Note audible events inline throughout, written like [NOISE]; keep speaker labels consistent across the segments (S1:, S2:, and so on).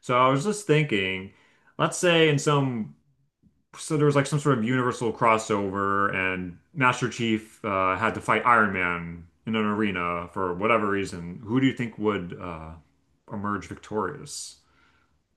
S1: So I was just thinking, let's say in some, so there was like some sort of universal crossover, and Master Chief had to fight Iron Man in an arena for whatever reason. Who do you think would emerge victorious?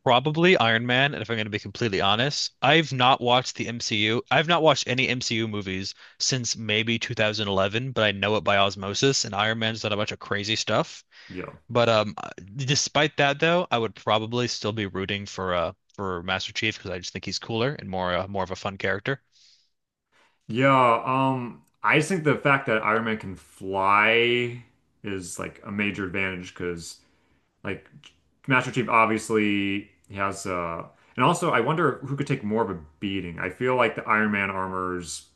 S2: Probably Iron Man, and if I'm going to be completely honest, I've not watched the MCU. I've not watched any MCU movies since maybe 2011, but I know it by osmosis, and Iron Man's done a bunch of crazy stuff.
S1: Yeah.
S2: But Despite that, though, I would probably still be rooting for for Master Chief because I just think he's cooler and more more of a fun character.
S1: Yeah, I just think the fact that Iron Man can fly is like a major advantage because like Master Chief obviously he has and also I wonder who could take more of a beating. I feel like the Iron Man armor's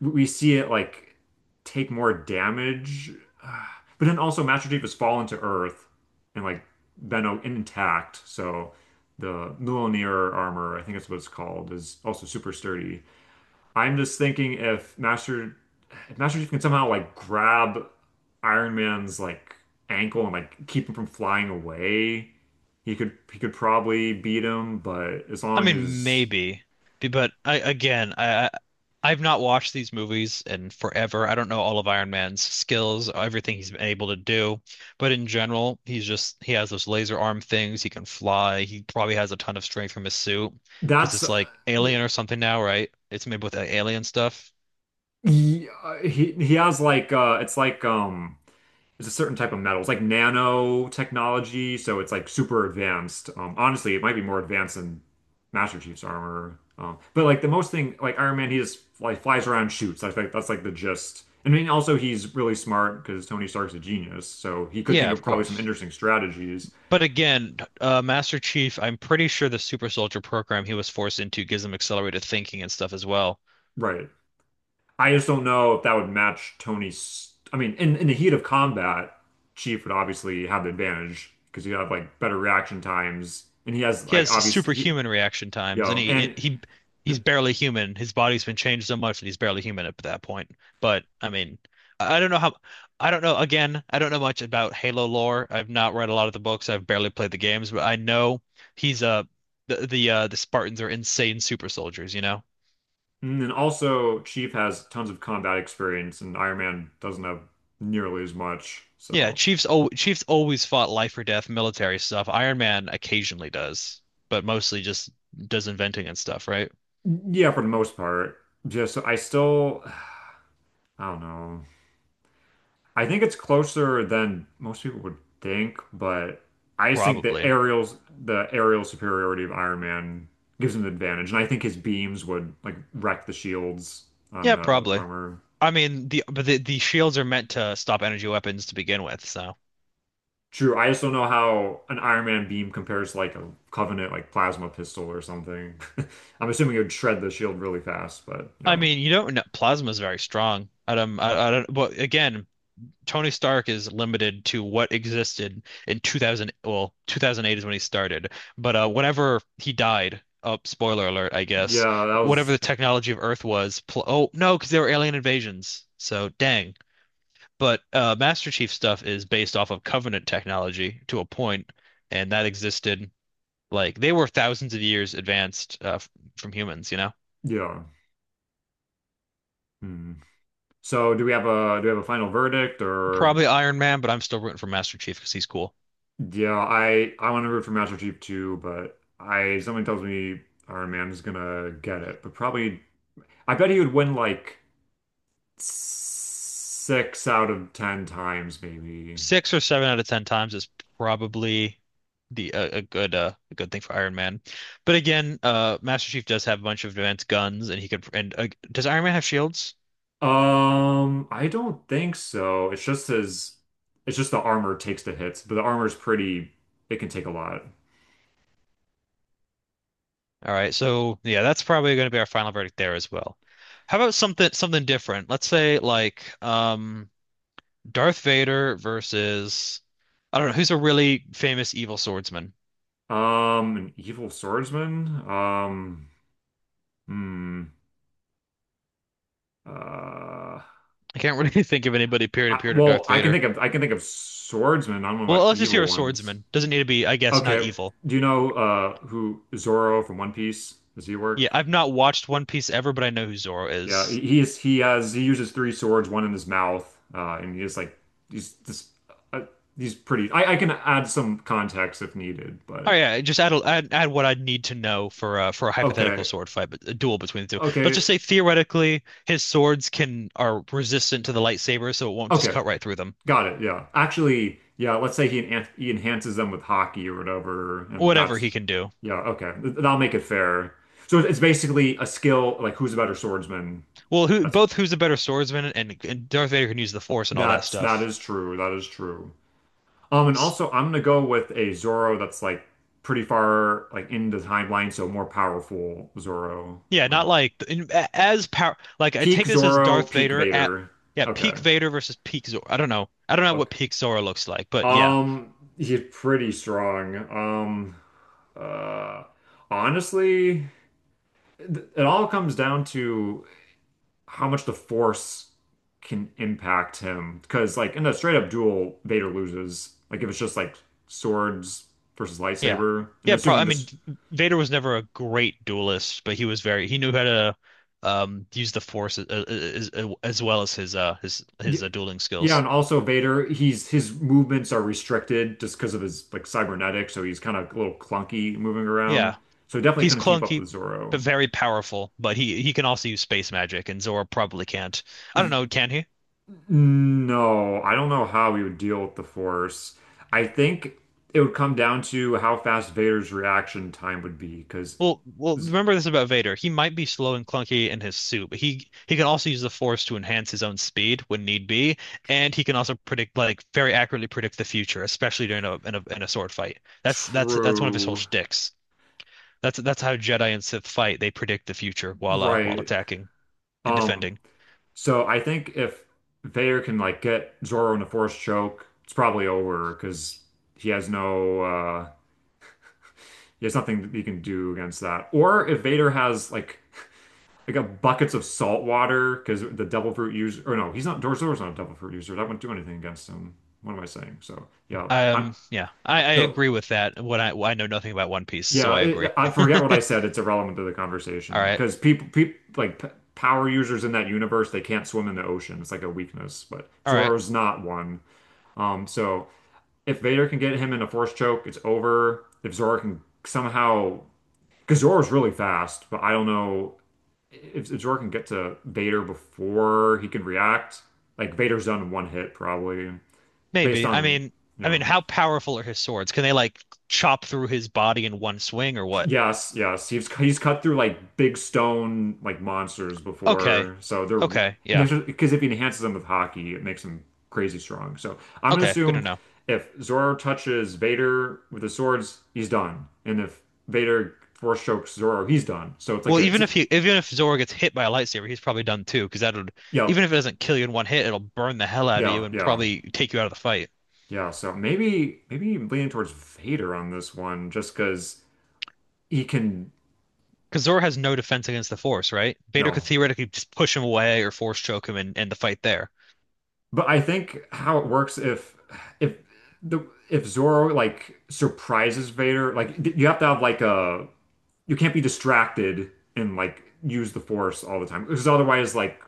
S1: we see it like take more damage. [SIGHS] Uh, But then also Master Chief has fallen to Earth and like been intact. So the Mjolnir armor, I think that's what it's called, is also super sturdy. I'm just thinking if Master Chief can somehow like grab Iron Man's like ankle and like keep him from flying away, he could probably beat him, but as
S2: I
S1: long
S2: mean,
S1: as
S2: maybe, but I again, I've not watched these movies in forever. I don't know all of Iron Man's skills, everything he's been able to do, but in general, he has those laser arm things. He can fly. He probably has a ton of strength from his suit because
S1: that's
S2: it's like alien or something now, right? It's made with alien stuff.
S1: He, he has like it's like it's a certain type of metal. It's like nanotechnology, so it's like super advanced. Honestly, it might be more advanced than Master Chief's armor. But like the most thing like Iron Man he just like flies around shoots. I think that's like the gist. I mean also he's really smart because Tony Stark's a genius, so he could
S2: Yeah,
S1: think of
S2: of
S1: probably some
S2: course.
S1: interesting strategies.
S2: But again, Master Chief, I'm pretty sure the Super Soldier program he was forced into gives him accelerated thinking and stuff as well.
S1: Right. I just don't know if that would match Tony's. I mean, in the heat of combat, Chief would obviously have the advantage because you have like better reaction times, and he has
S2: He
S1: like
S2: has
S1: obviously, he,
S2: superhuman reaction
S1: you
S2: times, and
S1: know,
S2: he's barely human. His body's been changed so much that he's barely human at that point. But I mean, I don't know how. I don't know. Again, I don't know much about Halo lore. I've not read a lot of the books. I've barely played the games, but I know he's the Spartans are insane super soldiers. You know?
S1: and then also Chief has tons of combat experience, and Iron Man doesn't have nearly as much.
S2: Yeah.
S1: So
S2: Chiefs. Al Chiefs always fought life or death military stuff. Iron Man occasionally does, but mostly just does inventing and stuff, right?
S1: yeah, for the most part, just I still I don't know. I think it's closer than most people would think, but I just think
S2: Probably.
S1: the aerial superiority of Iron Man gives him the advantage, and I think his beams would like wreck the shields on
S2: Yeah,
S1: the
S2: probably.
S1: armor.
S2: I mean, the shields are meant to stop energy weapons to begin with, so
S1: True, I just don't know how an Iron Man beam compares to like a Covenant like plasma pistol or something. [LAUGHS] I'm assuming it would shred the shield really fast, but
S2: I
S1: yeah,
S2: mean, you don't know plasma is very strong. I don't, Well, again, Tony Stark is limited to what existed in 2000, well, 2008 is when he started. But whenever he died, oh, spoiler alert, I guess,
S1: yeah, that
S2: whatever
S1: was
S2: the technology of Earth was, pl oh, no, because there were alien invasions. So dang. But Master Chief stuff is based off of Covenant technology to a point, and that existed. Like they were thousands of years advanced from humans, you know?
S1: yeah. Hmm. So do we have a do we have a final verdict or?
S2: Probably Iron Man, but I'm still rooting for Master Chief because he's cool.
S1: Yeah, I want to root for Master Chief too, but I something tells me Iron Man is gonna get it. But probably, I bet he would win like six out of ten times, maybe.
S2: Six or seven out of ten times is probably the a good thing for Iron Man. But again, Master Chief does have a bunch of advanced guns, and he could. And does Iron Man have shields?
S1: I don't think so. It's just his, it's just the armor takes the hits, but the armor's pretty, it can take a lot.
S2: All right, so yeah, that's probably going to be our final verdict there as well. How about something different? Let's say like Darth Vader versus I don't know who's a really famous evil swordsman.
S1: An evil swordsman. Hmm. Uh,
S2: I can't really [LAUGHS] think of anybody
S1: I,
S2: peer to
S1: well,
S2: Darth Vader.
S1: I can think of swordsmen. I don't know about
S2: Well, let's just
S1: evil
S2: hear a
S1: ones.
S2: swordsman. Doesn't need to be, I guess, not
S1: Okay.
S2: evil.
S1: Do you know who Zoro from One Piece? Does he
S2: Yeah,
S1: work?
S2: I've not watched One Piece ever, but I know who Zoro
S1: Yeah,
S2: is.
S1: he is he uses three swords, one in his mouth, and he is like he's this uh, he's pretty. I can add some context if needed,
S2: Oh
S1: but
S2: yeah, just add, a- add add what I'd need to know for a hypothetical
S1: okay,
S2: sword fight, but a duel between the two. Let's
S1: okay,
S2: just say theoretically his swords can are resistant to the lightsaber, so it won't just
S1: okay,
S2: cut right through them.
S1: got it. Yeah, actually, yeah. Let's say he enhances them with hockey or whatever, and
S2: Whatever
S1: that's
S2: he can do.
S1: yeah, okay. That'll make it fair. So it's basically a skill like who's a better swordsman.
S2: Well,
S1: That's
S2: who's a better swordsman and Darth Vader can use the Force and all that
S1: that's that
S2: stuff.
S1: is true. That is true. And also I'm gonna go with a Zoro that's like pretty far like in the timeline, so more powerful Zoro.
S2: Yeah, not
S1: Um,
S2: like in- a- as power. Like I
S1: peak
S2: take this as
S1: Zoro,
S2: Darth
S1: peak
S2: Vader at
S1: Vader.
S2: yeah peak
S1: Okay.
S2: Vader versus peak Zor. I don't know. I don't know what
S1: Okay.
S2: peak Zora looks like, but yeah,
S1: He's pretty strong. Uh, honestly, it all comes down to how much the Force can impact him. Because like in a straight up duel, Vader loses. Like if it's just like swords versus
S2: yeah,
S1: lightsaber, and
S2: yeah. Probably.
S1: assuming
S2: I mean,
S1: this
S2: Vader was never a great duelist, but he was very. He knew how to use the Force as as well as his
S1: Y-
S2: dueling
S1: Yeah,
S2: skills.
S1: and also Vader, he's his movements are restricted just because of his like cybernetics, so he's kind of a little clunky moving around.
S2: Yeah,
S1: So he definitely
S2: he's
S1: couldn't keep up
S2: clunky
S1: with Zorro.
S2: but very powerful. But he can also use space magic, and Zora probably can't. I don't
S1: Y-
S2: know. Can he?
S1: No, I don't know how he would deal with the Force. I think it would come down to how fast Vader's reaction time would be, because
S2: Well, well, remember this about Vader. He might be slow and clunky in his suit, but he can also use the Force to enhance his own speed when need be, and he can also predict like very accurately predict the future, especially during a in a in a sword fight. That's one of his whole
S1: true,
S2: shticks. That's how Jedi and Sith fight. They predict the future while
S1: right?
S2: attacking and
S1: Um,
S2: defending.
S1: so I think if Vader can like get Zorro in a Force choke, it's probably over because he has no there's nothing that you can do against that. Or if Vader has like [LAUGHS] like a buckets of salt water because the devil fruit user or no, he's not Darth Vader's not a devil fruit user. That wouldn't do anything against him. What am I saying? So yeah, I'm
S2: Yeah, I
S1: so
S2: agree with that. What I know nothing about One Piece, so
S1: yeah.
S2: I
S1: It,
S2: agree.
S1: I
S2: [LAUGHS]
S1: forget what I said. It's irrelevant to the
S2: All
S1: conversation
S2: right,
S1: because people like p power users in that universe they can't swim in the ocean. It's like a weakness, but
S2: all right.
S1: Zoro's not one. So if Vader can get him in a force choke, it's over. If Zoro can somehow because Zoro's really fast, but I don't know if Zor can get to Vader before he can react, like Vader's done in one hit probably, based
S2: Maybe.
S1: on you
S2: I mean,
S1: know.
S2: how powerful are his swords? Can they like chop through his body in one swing or what?
S1: Yes, yes, he's cut through like big stone like monsters
S2: Okay.
S1: before, so
S2: Okay. Yeah.
S1: they're because if he enhances them with hockey, it makes him crazy strong. So I'm gonna
S2: Okay. Good to
S1: assume
S2: know.
S1: if Zoro touches Vader with his swords, he's done, and if Vader force chokes Zoro, he's done. So it's like
S2: Well, even if Zoro gets hit by a lightsaber, he's probably done too, because that would,
S1: yeah,
S2: even if it doesn't kill you in one hit, it'll burn the hell out of you
S1: yeah,
S2: and
S1: yeah.
S2: probably take you out of the fight.
S1: Yeah, so maybe maybe leaning towards Vader on this one just because he can
S2: Because Zoro has no defense against the Force, right? Vader
S1: no.
S2: could theoretically just push him away or Force choke him and end the fight there.
S1: But I think how it works if the if Zorro like surprises Vader, like you have to have like a you can't be distracted and like use the Force all the time because otherwise like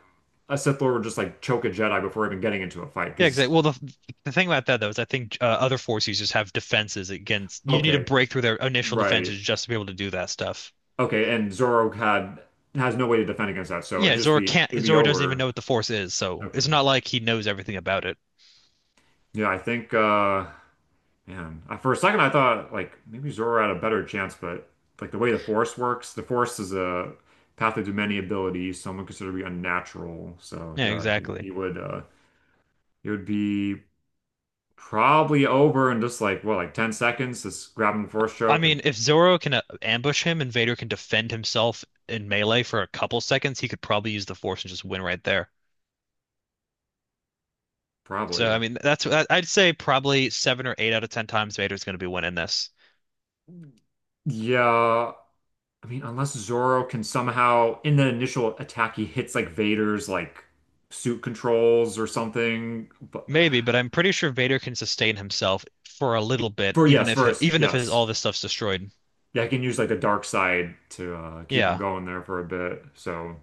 S1: a Sith Lord would just like choke a Jedi before even getting into a fight
S2: Yeah,
S1: because
S2: exactly. Well, the thing about that though is I think other Force users have defenses against. You need to
S1: okay,
S2: break through their initial
S1: right.
S2: defenses just to be able to do that stuff.
S1: Okay, and Zorro had has no way to defend against that, so
S2: Yeah, Zoro can't.
S1: it'd be
S2: Zoro doesn't even
S1: over.
S2: know what the Force is, so
S1: Okay.
S2: it's not like he knows everything about it.
S1: Yeah, I think man, I, for a second I thought like maybe Zoro had a better chance, but like the way the Force works, the Force is a path of many abilities, someone considered to be unnatural. So
S2: Yeah,
S1: yeah,
S2: exactly.
S1: he would be probably over in just like what, like 10 seconds, just grabbing the Force
S2: I
S1: choke and
S2: mean, if Zoro can ambush him and Vader can defend himself in melee for a couple seconds, he could probably use the Force and just win right there. So, I
S1: probably.
S2: mean, I'd say probably seven or eight out of ten times Vader's going to be winning this.
S1: Yeah, I mean unless Zoro can somehow in the initial attack he hits like Vader's like suit controls or something. But
S2: Maybe, but I'm pretty sure Vader can sustain himself for a little bit,
S1: for yes, first,
S2: even if his
S1: yes.
S2: all this stuff's destroyed.
S1: Yeah, I can use like the dark side to keep him
S2: Yeah,
S1: going there for a bit. So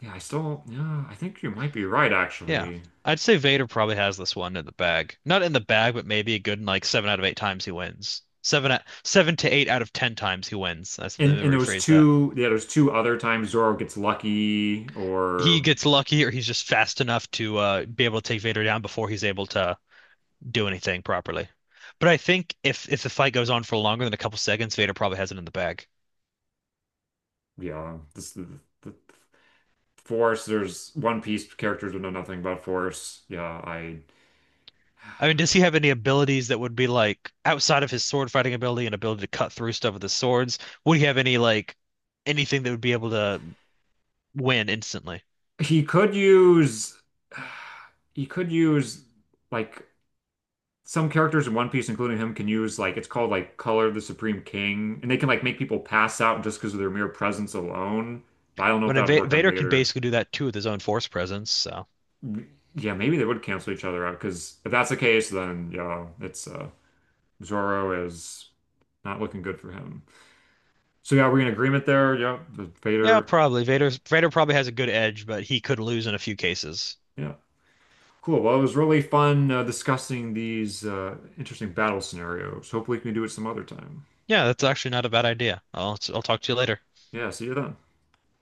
S1: yeah, I still yeah, I think you might be right
S2: yeah.
S1: actually.
S2: I'd say Vader probably has this one in the bag. Not in the bag, but maybe a good like seven out of eight times he wins. Seven to eight out of ten times he wins. That's, let me
S1: And those
S2: rephrase that.
S1: two yeah, there's two other times Zoro gets lucky
S2: He
S1: or
S2: gets lucky or he's just fast enough to be able to take Vader down before he's able to do anything properly. But I think if the fight goes on for longer than a couple seconds, Vader probably has it in the bag.
S1: yeah, the Force. There's One Piece characters who know nothing about Force. Yeah, I
S2: I mean, does he have any abilities that would be like outside of his sword fighting ability and ability to cut through stuff with his swords? Would he have any like anything that would be able to win instantly?
S1: he could use [SIGHS] he could use like some characters in One Piece, including him, can use like it's called like Color of the Supreme King, and they can like make people pass out just because of their mere presence alone. But I don't know if
S2: When
S1: that would work on
S2: Vader can
S1: Vader.
S2: basically do that too with his own force presence, so
S1: Yeah, maybe they would cancel each other out because if that's the case, then yeah, it's Zoro is not looking good for him. So yeah, we're in agreement there. Yeah, the
S2: yeah,
S1: Vader.
S2: probably Vader. Vader probably has a good edge, but he could lose in a few cases.
S1: Yeah, cool. Well, it was really fun discussing these interesting battle scenarios. Hopefully, we can do it some other time.
S2: Yeah, that's actually not a bad idea. I'll talk to you later.
S1: Yeah, see you then.